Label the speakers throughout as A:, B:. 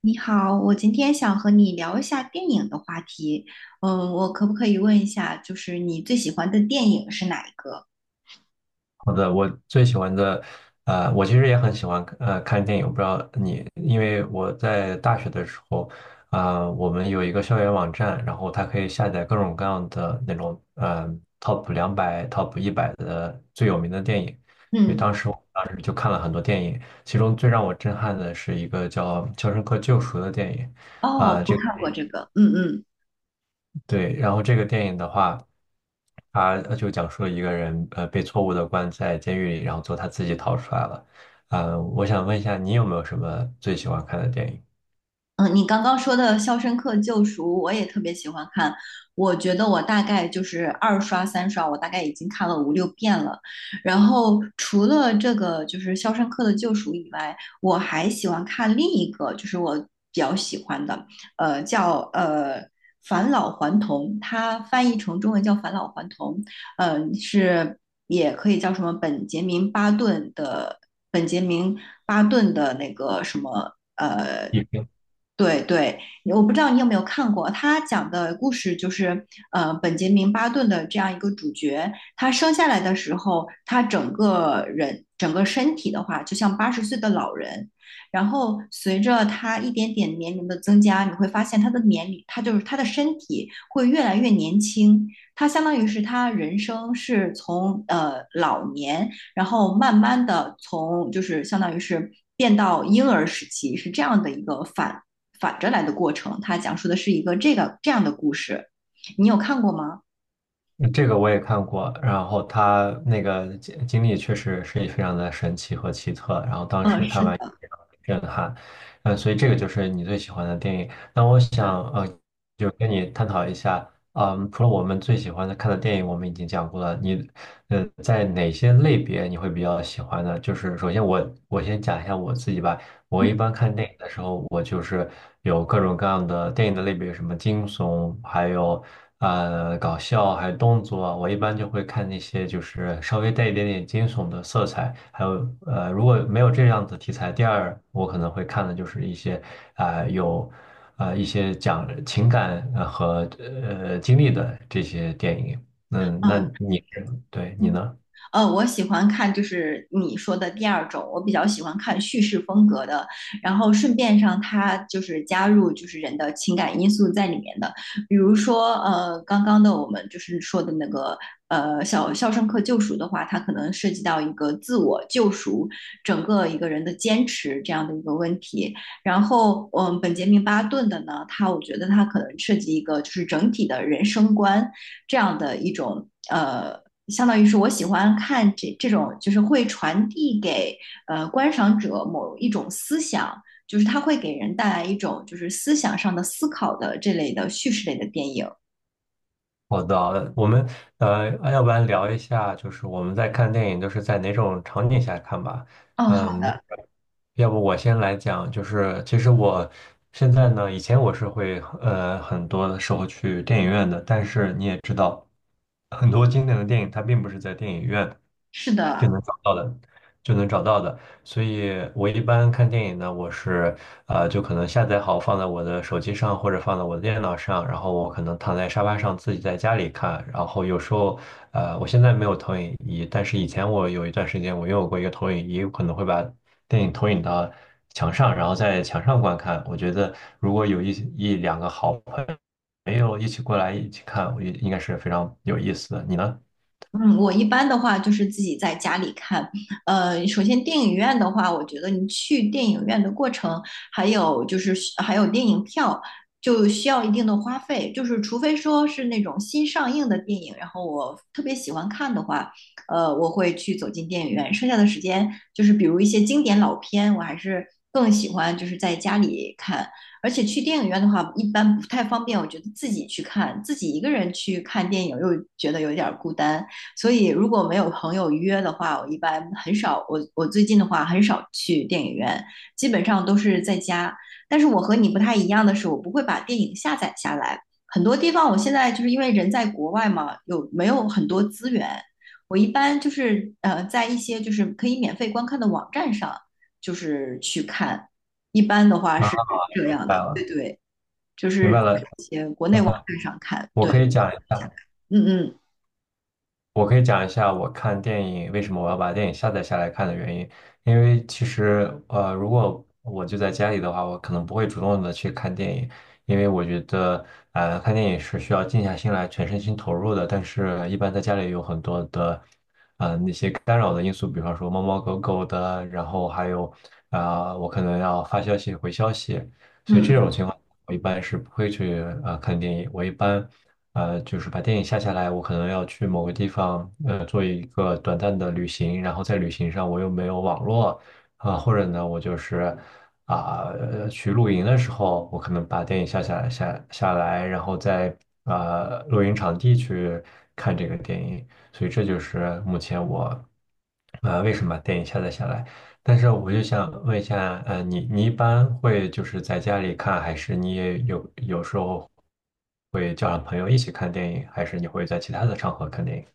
A: 你好，我今天想和你聊一下电影的话题。嗯，我可不可以问一下，就是你最喜欢的电影是哪一个？
B: 好的，我最喜欢的，我其实也很喜欢看电影，我不知道你，因为我在大学的时候，我们有一个校园网站，然后它可以下载各种各样的那种，top 200、top 100的最有名的电影，所以
A: 嗯，
B: 当时我就看了很多电影，其中最让我震撼的是一个叫《肖申克救赎》的电影，
A: 哦，
B: 啊、
A: 我
B: 这
A: 看过这个。嗯嗯。
B: 对，然后这个电影的话。他就讲述了一个人被错误的关在监狱里，然后最后他自己逃出来了。我想问一下，你有没有什么最喜欢看的电
A: 嗯，你刚刚说的《肖申克救赎》，我也特别喜欢看。我觉得我大概就是二刷、三刷，我大概已经看了五六遍了。然后除了这个就是《肖申克的救赎》以外，我还喜欢看另一个，就是我比较喜欢的，叫《返老还童》，它翻译成中文叫《返老还童》，嗯、是也可以叫什么本杰明·巴顿的本杰明·那个什么。
B: 影？
A: 对对，我不知道你有没有看过，他讲的故事就是，本杰明·巴顿的这样一个主角，他生下来的时候，他整个人整个身体的话，就像80岁的老人，然后随着他一点点年龄的增加，你会发现他的年龄，他就是他的身体会越来越年轻，他相当于是他人生是从老年，然后慢慢的从就是相当于是，变到婴儿时期是这样的一个反着来的过程，它讲述的是一个这个这样的故事。你有看过吗？
B: 嗯，这个我也看过，然后他那个经历确实是非常的神奇和奇特，然后当
A: 嗯，
B: 时
A: 是
B: 看完
A: 的，
B: 也非常的震撼，嗯，所以这个就是你最喜欢的电影。那我想就跟你探讨一下，嗯，除了我们最喜欢的看的电影，我们已经讲过了，在哪些类别你会比较喜欢呢？就是首先我先讲一下我自己吧，我一
A: 嗯
B: 般看电影的时候，我就是有各种各样的电影的类别，什么惊悚，还有搞笑，还有动作啊。我一般就会看那些就是稍微带一点点惊悚的色彩，还有如果没有这样的题材，第二我可能会看的就是一些啊、呃有啊一些讲情感和经历的这些电影。嗯，
A: 嗯，
B: 对你呢？
A: 我喜欢看就是你说的第二种，我比较喜欢看叙事风格的，然后顺便上它就是加入就是人的情感因素在里面的，比如说刚刚的我们就是说的那个小肖申克救赎的话，它可能涉及到一个自我救赎，整个一个人的坚持这样的一个问题，然后本杰明巴顿的呢，我觉得他可能涉及一个就是整体的人生观这样的一种相当于是我喜欢看这种，就是会传递给观赏者某一种思想，就是它会给人带来一种就是思想上的思考的这类的叙事类的电影。
B: 好的，我们要不然聊一下，就是我们在看电影都是在哪种场景下看吧？
A: 哦，好，
B: 嗯，要不我先来讲，就是其实我现在呢，以前我是会很多的时候去电影院的，但是你也知道，很多经典的电影它并不是在电影院。
A: 是
B: 就
A: 的，
B: 能找到的，就能找到的。所以我一般看电影呢，就可能下载好放在我的手机上或者放在我的电脑上，然后我可能躺在沙发上自己在家里看。然后有时候呃，我现在没有投影仪，但是以前我有一段时间我拥有过一个投影仪，我可能会把电影投影到墙上，然后在墙上观看。我觉得如果有一两个好朋友一起过来一起看，我觉得应该是非常有意思的。你呢？
A: 嗯，我一般的话就是自己在家里看。首先电影院的话，我觉得你去电影院的过程，还有就是还有电影票，就需要一定的花费。就是除非说是那种新上映的电影，然后我特别喜欢看的话，我会去走进电影院。剩下的时间就是比如一些经典老片，我还是更喜欢就是在家里看。而且去电影院的话，一般不太方便，我觉得自己去看，自己一个人去看电影又觉得有点儿孤单。所以如果没有朋友约的话，我一般很少，我最近的话很少去电影院，基本上都是在家。但是我和你不太一样的是，我不会把电影下载下来。很多地方我现在就是因为人在国外嘛，有没有很多资源？我一般就是在一些就是可以免费观看的网站上，就是去看。一般的话
B: 啊，
A: 是这
B: 明
A: 样
B: 白
A: 的，对
B: 了，
A: 对，就是在
B: 明
A: 一些国
B: 白
A: 内网
B: 了。
A: 站上看，
B: 我
A: 对，
B: 可以讲一
A: 下来，
B: 下，
A: 嗯嗯
B: 我可以讲一下我看电影为什么我要把电影下载下来看的原因。因为其实，如果我就在家里的话，我可能不会主动的去看电影，因为我觉得，看电影是需要静下心来，全身心投入的。但是，一般在家里有很多的一些干扰的因素，比方说猫猫狗狗的，然后还有，我可能要发消息、回消息。
A: 嗯。
B: 我一般是不会去看电影，我一般就是把电影下下来，我可能要去某个地方做一个短暂的旅行，然后在旅行上我又没有网络或者呢我就是去露营的时候，我可能把电影下下来，然后在露营场地去看这个电影，所以这就是目前我为什么把电影下载下来。但是我就想问一下，你一般会就是在家里看，还是你也有时候会叫上朋友一起看电影，还是你会在其他的场合看电影？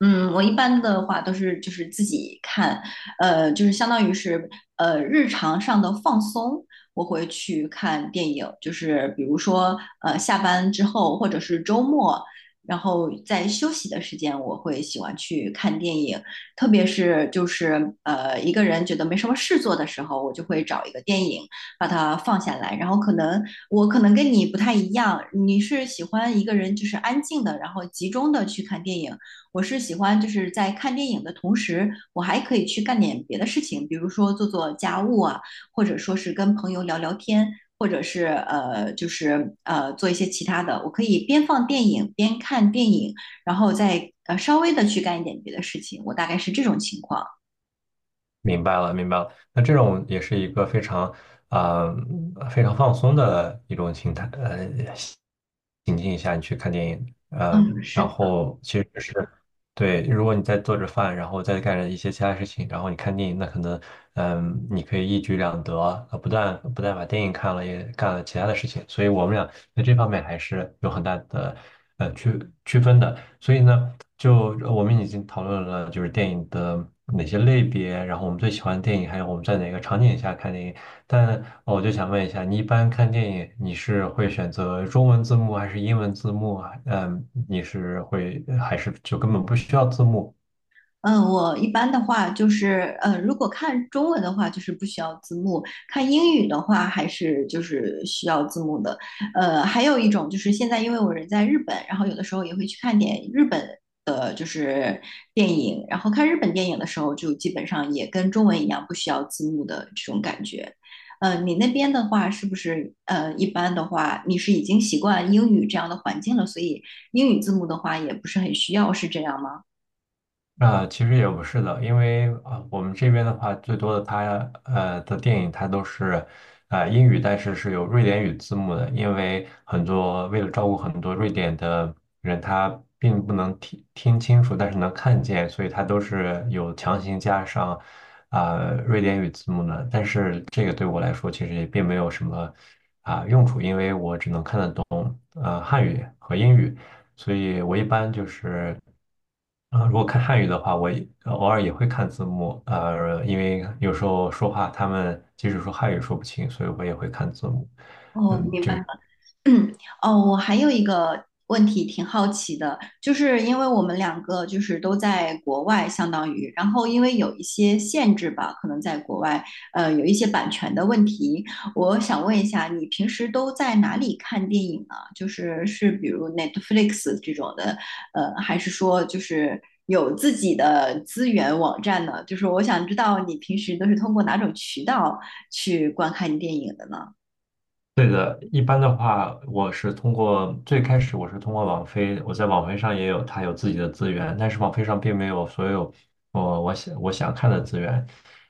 A: 嗯，我一般的话都是就是自己看，就是相当于是日常上的放松，我会去看电影，就是比如说下班之后或者是周末，然后在休息的时间，我会喜欢去看电影，特别是就是一个人觉得没什么事做的时候，我就会找一个电影把它放下来，然后我可能跟你不太一样，你是喜欢一个人就是安静的，然后集中的去看电影。我是喜欢就是在看电影的同时，我还可以去干点别的事情，比如说做做家务啊，或者说是跟朋友聊聊天，或者是就是做一些其他的。我可以边放电影边看电影，然后再稍微的去干一点别的事情。我大概是这种情况。
B: 明白了，明白了。那这种也是一个啊、非常放松的一种形态，情境下你去看电影，
A: 嗯，是
B: 然
A: 的。
B: 后其实只是对，如果你在做着饭，然后再干着一些其他事情，然后你看电影，那可能你可以一举两得，不但把电影看了，也干了其他的事情。所以我们俩在这方面还是有很大的区分的。所以呢，就我们已经讨论了就是电影的哪些类别，然后我们最喜欢的电影，还有我们在哪个场景下看电影。但我就想问一下，你一般看电影，你是会选择中文字幕还是英文字幕啊？嗯，你是会还是就根本不需要字幕？
A: 嗯，我一般的话就是，如果看中文的话，就是不需要字幕；看英语的话，还是就是需要字幕的。还有一种就是现在，因为我人在日本，然后有的时候也会去看点日本的，就是电影。然后看日本电影的时候，就基本上也跟中文一样，不需要字幕的这种感觉。你那边的话，是不是一般的话，你是已经习惯英语这样的环境了，所以英语字幕的话也不是很需要，是这样吗？
B: 啊，其实也不是的，因为我们这边的话，最多的它的电影，它都是英语，但是是有瑞典语字幕的，因为很多为了照顾很多瑞典的人，他并不能听清楚，但是能看见，所以它都是有强行加上啊瑞典语字幕的。但是这个对我来说，其实也并没有什么。汉语和英语，所以我一般就是如果看汉语的话，我也偶尔也会看字幕，因为有时候说话他们即使说汉语说不清，所以我也会看字幕。
A: 哦，
B: 嗯，
A: 明
B: 就
A: 白。
B: 是。
A: 嗯，哦，我还有一个问题挺好奇的，就是因为我们两个就是都在国外，相当于，然后因为有一些限制吧，可能在国外，有一些版权的问题，我想问一下，你平时都在哪里看电影啊？就是比如 Netflix 这种的，还是说就是有自己的资源网站呢？就是我想知道你平时都是通过哪种渠道去观看电影的呢？
B: 对的，一般的话，我是通过最开始我是通过网飞，我在网飞上它有自己的资源，但是网飞上并没有所有我想看的资源。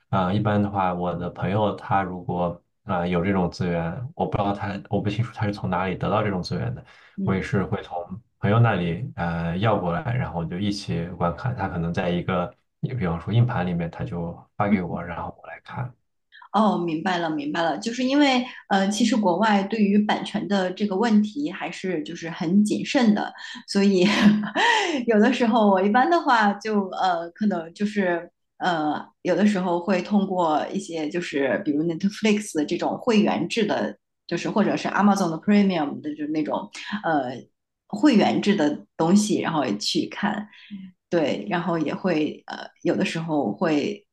B: 一般的话，我的朋友他如果有这种资源，我不清楚他是从哪里得到这种资源的，我也
A: 嗯。
B: 是会从朋友那里要过来，然后就一起观看。他可能在一个，比方说硬盘里面，他就发给我，然后我来看。
A: 哦，明白了，明白了，就是因为其实国外对于版权的这个问题还是就是很谨慎的，所以 有的时候我一般的话就可能就是有的时候会通过一些就是比如 Netflix 的这种会员制的，就是或者是 Amazon 的 Premium 的，就是那种呃会员制的东西，然后也去看，对，然后也会有的时候会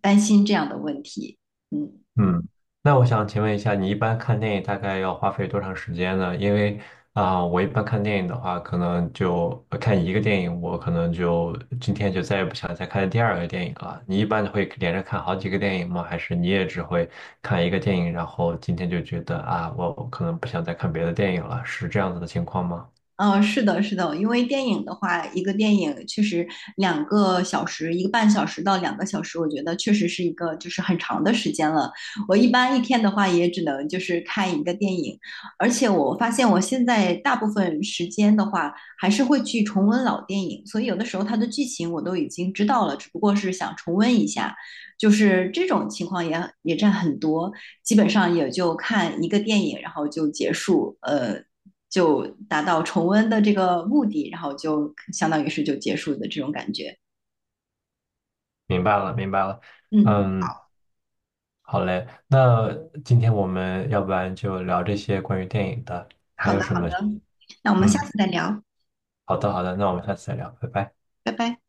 A: 担心这样的问题，嗯。
B: 嗯，那我想请问一下，你一般看电影大概要花费多长时间呢？因为我一般看电影的话，可能就看一个电影，我可能就今天就再也不想再看第二个电影了。你一般会连着看好几个电影吗？还是你也只会看一个电影，然后今天就觉得啊，我可能不想再看别的电影了，是这样子的情况吗？
A: 嗯，是的，是的，因为电影的话，一个电影确实两个小时，1个半小时到两个小时，我觉得确实是一个就是很长的时间了。我一般一天的话，也只能就是看一个电影，而且我发现我现在大部分时间的话，还是会去重温老电影，所以有的时候它的剧情我都已经知道了，只不过是想重温一下，就是这种情况也占很多，基本上也就看一个电影，然后就结束，就达到重温的这个目的，然后就相当于是就结束的这种感觉。
B: 明白了，明白了。
A: 嗯，
B: 嗯，好嘞，那今天我们要不然就聊这些关于电影的，
A: 好
B: 还
A: 的
B: 有什
A: 好的，
B: 么？
A: 那我们下
B: 嗯。
A: 次再聊，
B: 好的，好的，那我们下次再聊，拜拜。
A: 拜拜。